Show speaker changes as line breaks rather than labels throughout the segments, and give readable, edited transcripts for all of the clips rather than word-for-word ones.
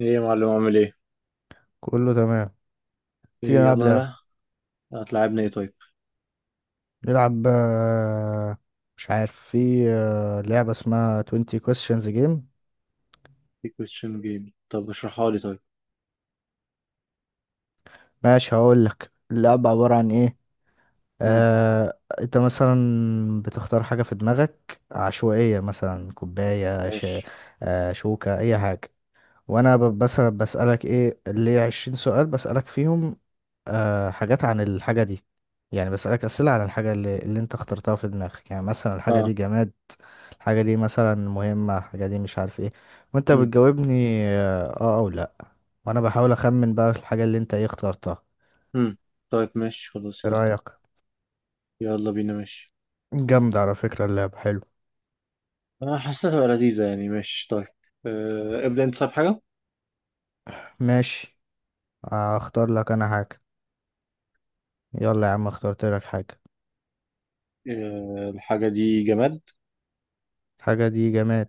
ايه يا معلم، عامل ايه؟
كله تمام. تيجي
ايه
نلعب
يلا
لعبة.
انا بقى هتلعبنا ايه طيب؟
نلعب، آه، مش عارف في آه، لعبة اسمها 20 questions game.
في كويستشن جيم، طب اشرحها لي طيب.
ماشي، هقول لك اللعبة عبارة عن ايه.
امم
انت مثلا بتختار حاجة في دماغك عشوائية، مثلا كوباية،
ماشي.
شوكة، اي حاجة. وانا مثلا بسألك ايه اللي 20 سؤال بسألك فيهم، حاجات عن الحاجة دي. يعني بسألك أسئلة عن الحاجة اللي أنت اخترتها في دماغك. يعني مثلا الحاجة دي
اه.
جماد، الحاجة دي مثلا مهمة، الحاجة دي مش عارف ايه. وأنت
امم
بتجاوبني آه, آه أو لأ. وأنا بحاول أخمن بقى الحاجة اللي أنت اخترتها.
امم طيب، ماشي، خلاص،
ايه
يلا.
رأيك؟
يلا بينا، ماشي.
جامدة على فكرة اللعبة، حلو.
انا حاسسها تبقى لذيذة يعني، ماشي طيب. ابدأ انت، طب حاجة.
ماشي، اختار لك أنا حاجة. يلا يا عم، اخترت لك حاجة.
الحاجة دي جماد؟
الحاجة دي جماد،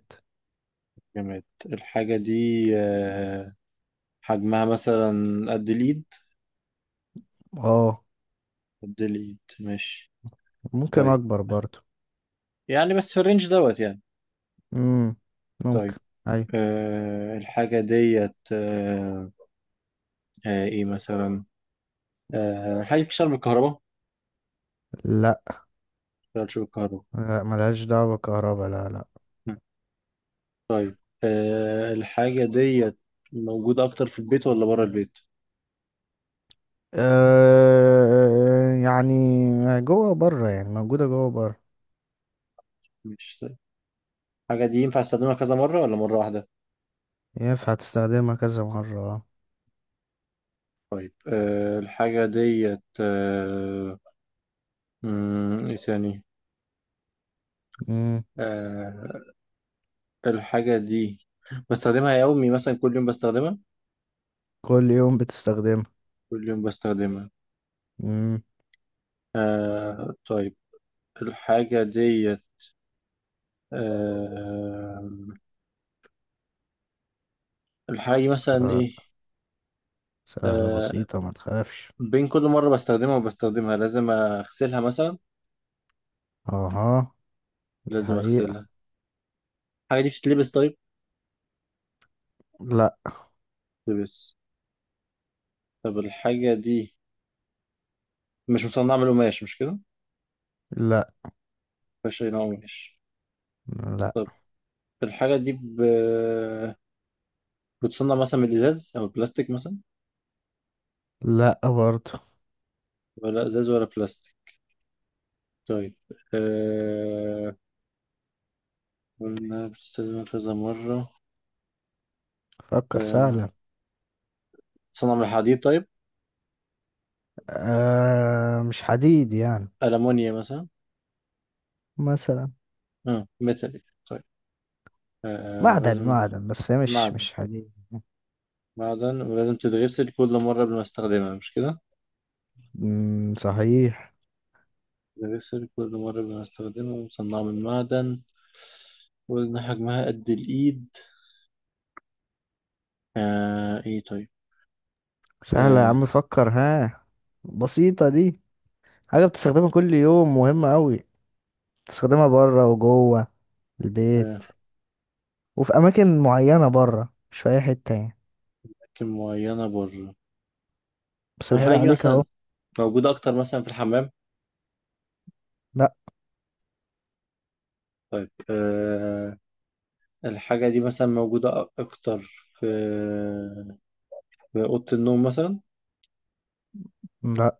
جماد الحاجة دي. أه حجمها مثلا؟ قد الإيد؟
اه.
قد الإيد، ماشي.
ممكن
طيب،
أكبر برضو.
يعني بس في الرينج دوت يعني.
مم. ممكن.
طيب.
أي.
الحاجة ديت ايه مثلا؟ الحاجة بتشتغل بالكهرباء؟ ما
لا،
بتشتغلش بالكهرباء.
لا ملهاش دعوة بالكهرباء، لا لا.
مم. طيب. الحاجة ديت موجودة أكتر في البيت ولا بره البيت؟
أه يعني جوه بره، يعني موجودة جوه بره.
مش. طيب. الحاجة دي ينفع استخدمها كذا مرة ولا مرة واحدة؟
ينفع تستخدمها كذا مرة، اه.
الحاجة ديت إيه تاني؟
مم.
آه، الحاجة دي بستخدمها يومي، مثلا كل يوم بستخدمها؟
كل يوم بتستخدمها.
كل يوم بستخدمها.
مم.
طيب الحاجة ديت آه، الحاجة دي مثلا
سهل،
إيه؟
سهلة
آه،
بسيطة، ما تخافش.
بين كل مرة بستخدمها وبستخدمها لازم أغسلها مثلا؟
اها، دي
لازم أغسلها.
حقيقة.
الحاجة دي بتتلبس؟ طيب.
لا.
بتتلبس؟ طب الحاجة دي مش مصنعة من القماش، مش كده؟
لا.
مفيهاش أي نوع قماش؟
لا.
طب الحاجة دي بتصنع مثلا من الإزاز أو البلاستيك مثلا؟
لا برضه.
ولا إزاز ولا بلاستيك؟ طيب. أه... قلنا بتستخدمها كذا مرة.
فكر،
أه...
سهلة.
بتصنع من الحديد؟ طيب.
أه مش حديد يعني.
ألمونيا مثلا؟
مثلا.
ميتاليك؟ طيب.
معدن
أه...
معدن، بس هي مش
معدن.
مش حديد.
معدن ولازم تتغسل كل مرة قبل ما استخدمها، مش كده؟
مم. صحيح.
تتغسل كل مرة قبل ما استخدمها ومصنعة من معدن. وقلنا حجمها قد الإيد. إيه طيب؟
سهلة يا
آه
عم، فكر ها. بسيطة دي. حاجة بتستخدمها كل يوم، مهمة أوي. بتستخدمها بره وجوه البيت،
آه
وفي أماكن معينة بره، مش في أي حتة يعني.
أماكن معينة بره. طب
بسهل
الحاجة دي
عليك
مثلا
أهو.
موجودة أكتر مثلا في الحمام؟
لأ.
طيب. الحاجة دي مثلا موجودة أكتر في أوضة النوم مثلا؟
لأ.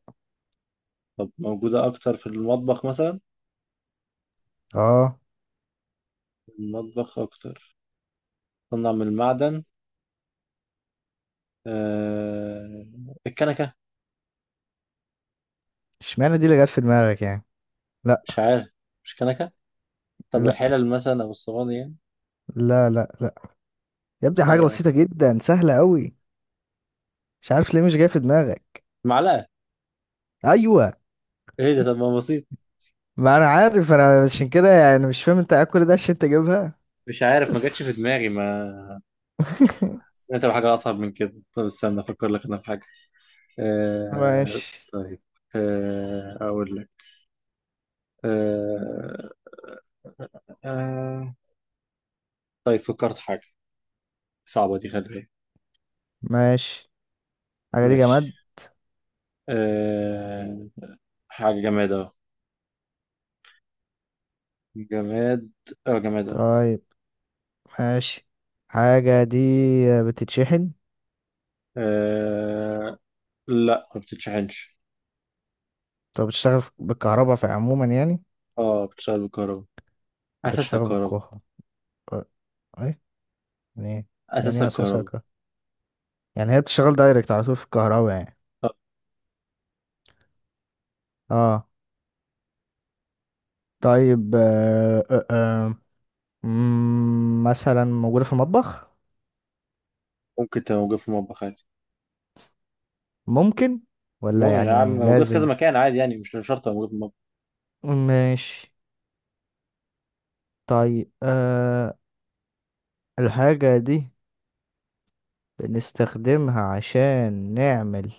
طب موجودة أكتر في المطبخ مثلا؟
اه.
المطبخ أكتر. تصنع من المعدن. آه الكنكة؟
اشمعنى دي اللي جت في دماغك يعني.
مش
لأ.
عارف. مش كنكه. طب
لأ.
الحلل مثلا او الصواني يعني؟
لا لا لأ. يا ابني حاجة
آه،
بسيطة جدا، سهلة أوي. مش عارف ليه مش جاية في دماغك.
معلقه؟
أيوة.
ايه ده؟ طب ما بسيط!
ما أنا عارف، أنا عشان كده يعني مش فاهم أنت قاعد كل ده عشان تجيبها.
مش عارف، ما جاتش في دماغي. ما انت بحاجه اصعب من كده. طب استنى افكر لك انا في حاجه. آه...
ماشي.
طيب. اقول لك. آه... آه... طيب، فكرت في حاجه. صعبه دي، خلي بالك.
ماشي. حاجة دي جماد.
ماشي. آه... حاجه جماد اهو. جماد. اه جماد اهو.
طيب، ماشي. حاجة دي بتتشحن.
آه... لا، ما بتتشحنش.
طب بتشتغل بالكهرباء في عموما يعني.
اه، بتشتغل بالكهرباء. اساسها
بتشتغل
كهرباء.
بالكهرباء، اه. ايه يعني؟ ايه يعني
اساسها
ايه اساسها
كهرباء.
كهرباء؟ يعني هي بتشتغل دايركت على طول في الكهرباء يعني. اه. طيب، مثلا موجودة في المطبخ.
ممكن تبقى موجود في المطبخ عادي.
ممكن. ولا
مو يعني
يعني
موجود في كذا
لازم.
مكان عادي يعني، مش شرط تبقى موجود في المطبخ.
ماشي. طيب، الحاجة دي بنستخدمها عشان نعمل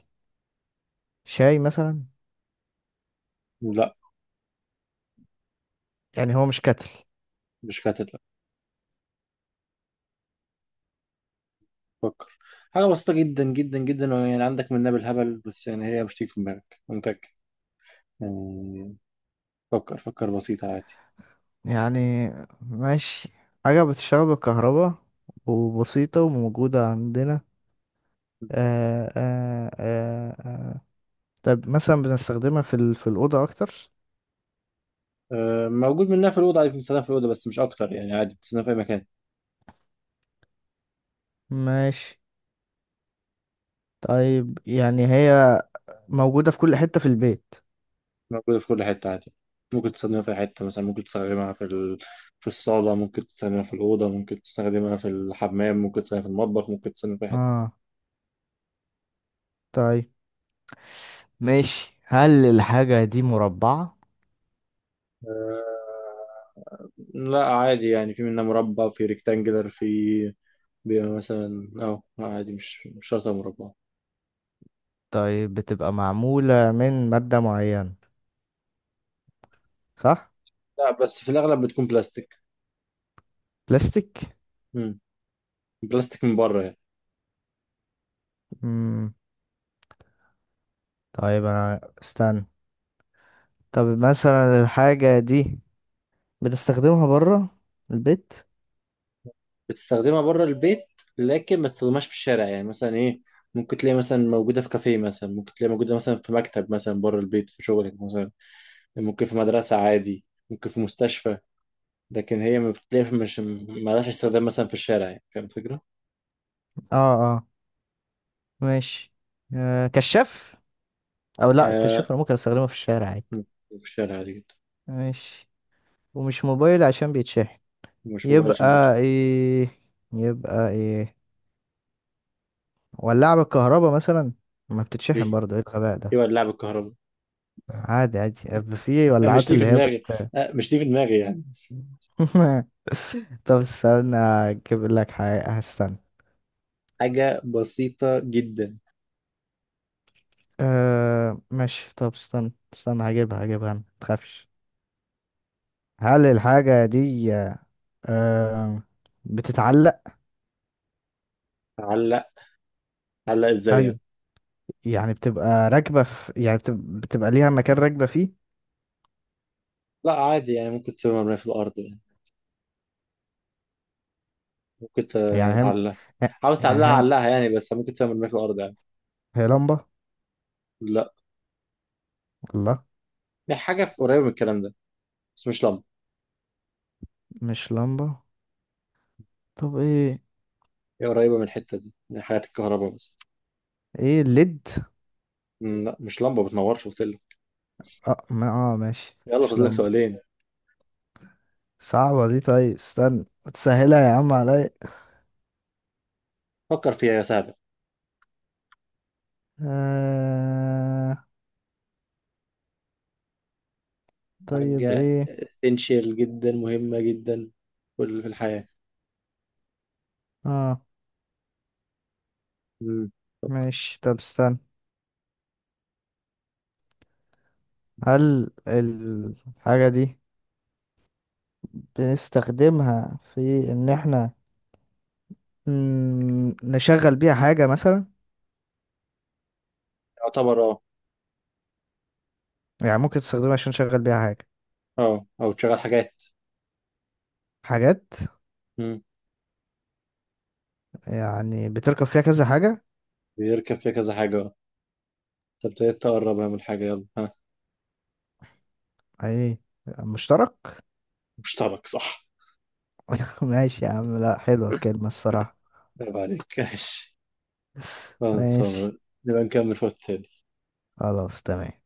شاي مثلا.
لا،
يعني هو مش كتل
مش كاتب، لا. فكر. حاجة بسيطة جدا جدا جدا، يعني عندك منها بالهبل، بس يعني هي مش تيجي في دماغك، أنا متأكد. يعني. فكر فكر، بسيطة عادي.
يعني. ماشي. حاجة بتشتغل بالكهرباء وبسيطة وموجودة عندنا. آه آه آه آه. طب مثلا بنستخدمها في الأوضة أكتر.
موجود منها في الأوضة عادي، بتستخدم في الأوضة بس مش أكتر يعني، عادي بتستخدم في أي مكان.
ماشي. طيب يعني هي موجودة في كل حتة في البيت.
موجودة في كل حتة، عادي. ممكن تستخدمها في أي حتة، مثلا ممكن تستخدمها في في الصالة، ممكن تستخدمها في الأوضة، ممكن تستخدمها في الحمام، ممكن تستخدمها في المطبخ، ممكن تستخدمها في أي حتة.
اه. طيب. ماشي، هل الحاجة دي مربعة؟
أه، لا، عادي يعني، في منها مربع وفي ريكتانجلر. بيبقى مثلا، عادي، مش شرط مربع.
طيب، بتبقى معمولة من مادة معينة، صح؟
لا، بس في الاغلب بتكون بلاستيك.
بلاستيك؟
امم. بلاستيك من بره يعني.
مم. طيب، أنا استنى. طب مثلا الحاجة دي بنستخدمها بره البيت.
بتستخدمها بره البيت، لكن ما تستخدمهاش في الشارع يعني، مثلا ايه، ممكن تلاقي مثلا موجوده في كافيه، مثلا ممكن تلاقي موجوده مثلا في مكتب، مثلا بره البيت في شغلك مثلا. ممكن في مدرسه عادي. ممكن في مستشفى. لكن هي ما بتلاقي مش مالهاش استخدام مثلا في الشارع، يعني فاهم الفكره؟
اه، اه. ماشي، كشاف. او لا،
آه
كشاف انا ممكن استخدمه في الشارع عادي.
مم. في الشارع عادي جدا.
ماشي. ومش موبايل عشان بيتشحن.
مش موبايل عشان
يبقى ايه؟ يبقى ايه؟ ولاعة بالكهرباء مثلا؟ ما بتتشحن برضه، ايه الغباء ده.
ايوه، اللعب الكهربي.
عادي، عادي، يبقى في
أنا مش
ولاعات
دي
اللي
في
هي
دماغي. مش دي في دماغي يعني بس.
طب استنى، اجيب لك حاجة، هستنى.
حاجة بسيطة جدا.
أه ماشي. طب استنى هجيبها ما تخافش. هل الحاجة دي آه بتتعلق؟
تعلق؟ تعلق ازاي
ايوه.
يعني؟
يعني بتبقى راكبه في، يعني بتبقى ليها مكان راكبه فيه.
لا، عادي يعني، ممكن تسيب مرمية في الأرض يعني. ممكن
يعني هم.
تعلقها. عاوز تعلقها
يعني هم.
علقها يعني، بس ممكن تسيب مرمية في الأرض يعني.
هي لمبه.
لا،
الله.
هي حاجة قريبة من الكلام ده، بس مش لمبة.
مش لمبه. طب ايه؟
هي قريبة من الحتة دي، من حاجات الكهرباء مثلا.
ايه الليد؟
لا، مش لمبة بتنورش، قلت لك.
اه، ما اه، ماشي،
يلا،
مش
فاضل لك
لمبه.
سؤالين.
صعبه دي، طيب استنى. تسهلها يا عم عليا.
فكر فيها يا سهلة.
آه طيب
حاجة
ايه.
essential جدا، مهمة جدا. في الحياة.
اه
مم.
ماشي، طب استنى. هل الحاجه دي بنستخدمها في ان احنا نشغل بيها حاجة مثلا.
يعتبر، اه.
يعني ممكن تستخدمها عشان نشغل بيها حاجة.
اه، او تشغل حاجات.
حاجات.
مم.
يعني بتركب فيها كذا حاجة.
بيركب فيها كذا حاجة، اه. انت ابتديت تقربها من الحاجة، يلا ها.
ايه، مشترك.
مشترك، صح.
ماشي يا عم، لا حلوة الكلمة الصراحة.
عيب عليك. ماشي.
ماشي.
خلصانة. نبقى نكمل في وقت تاني.
خلاص تمام.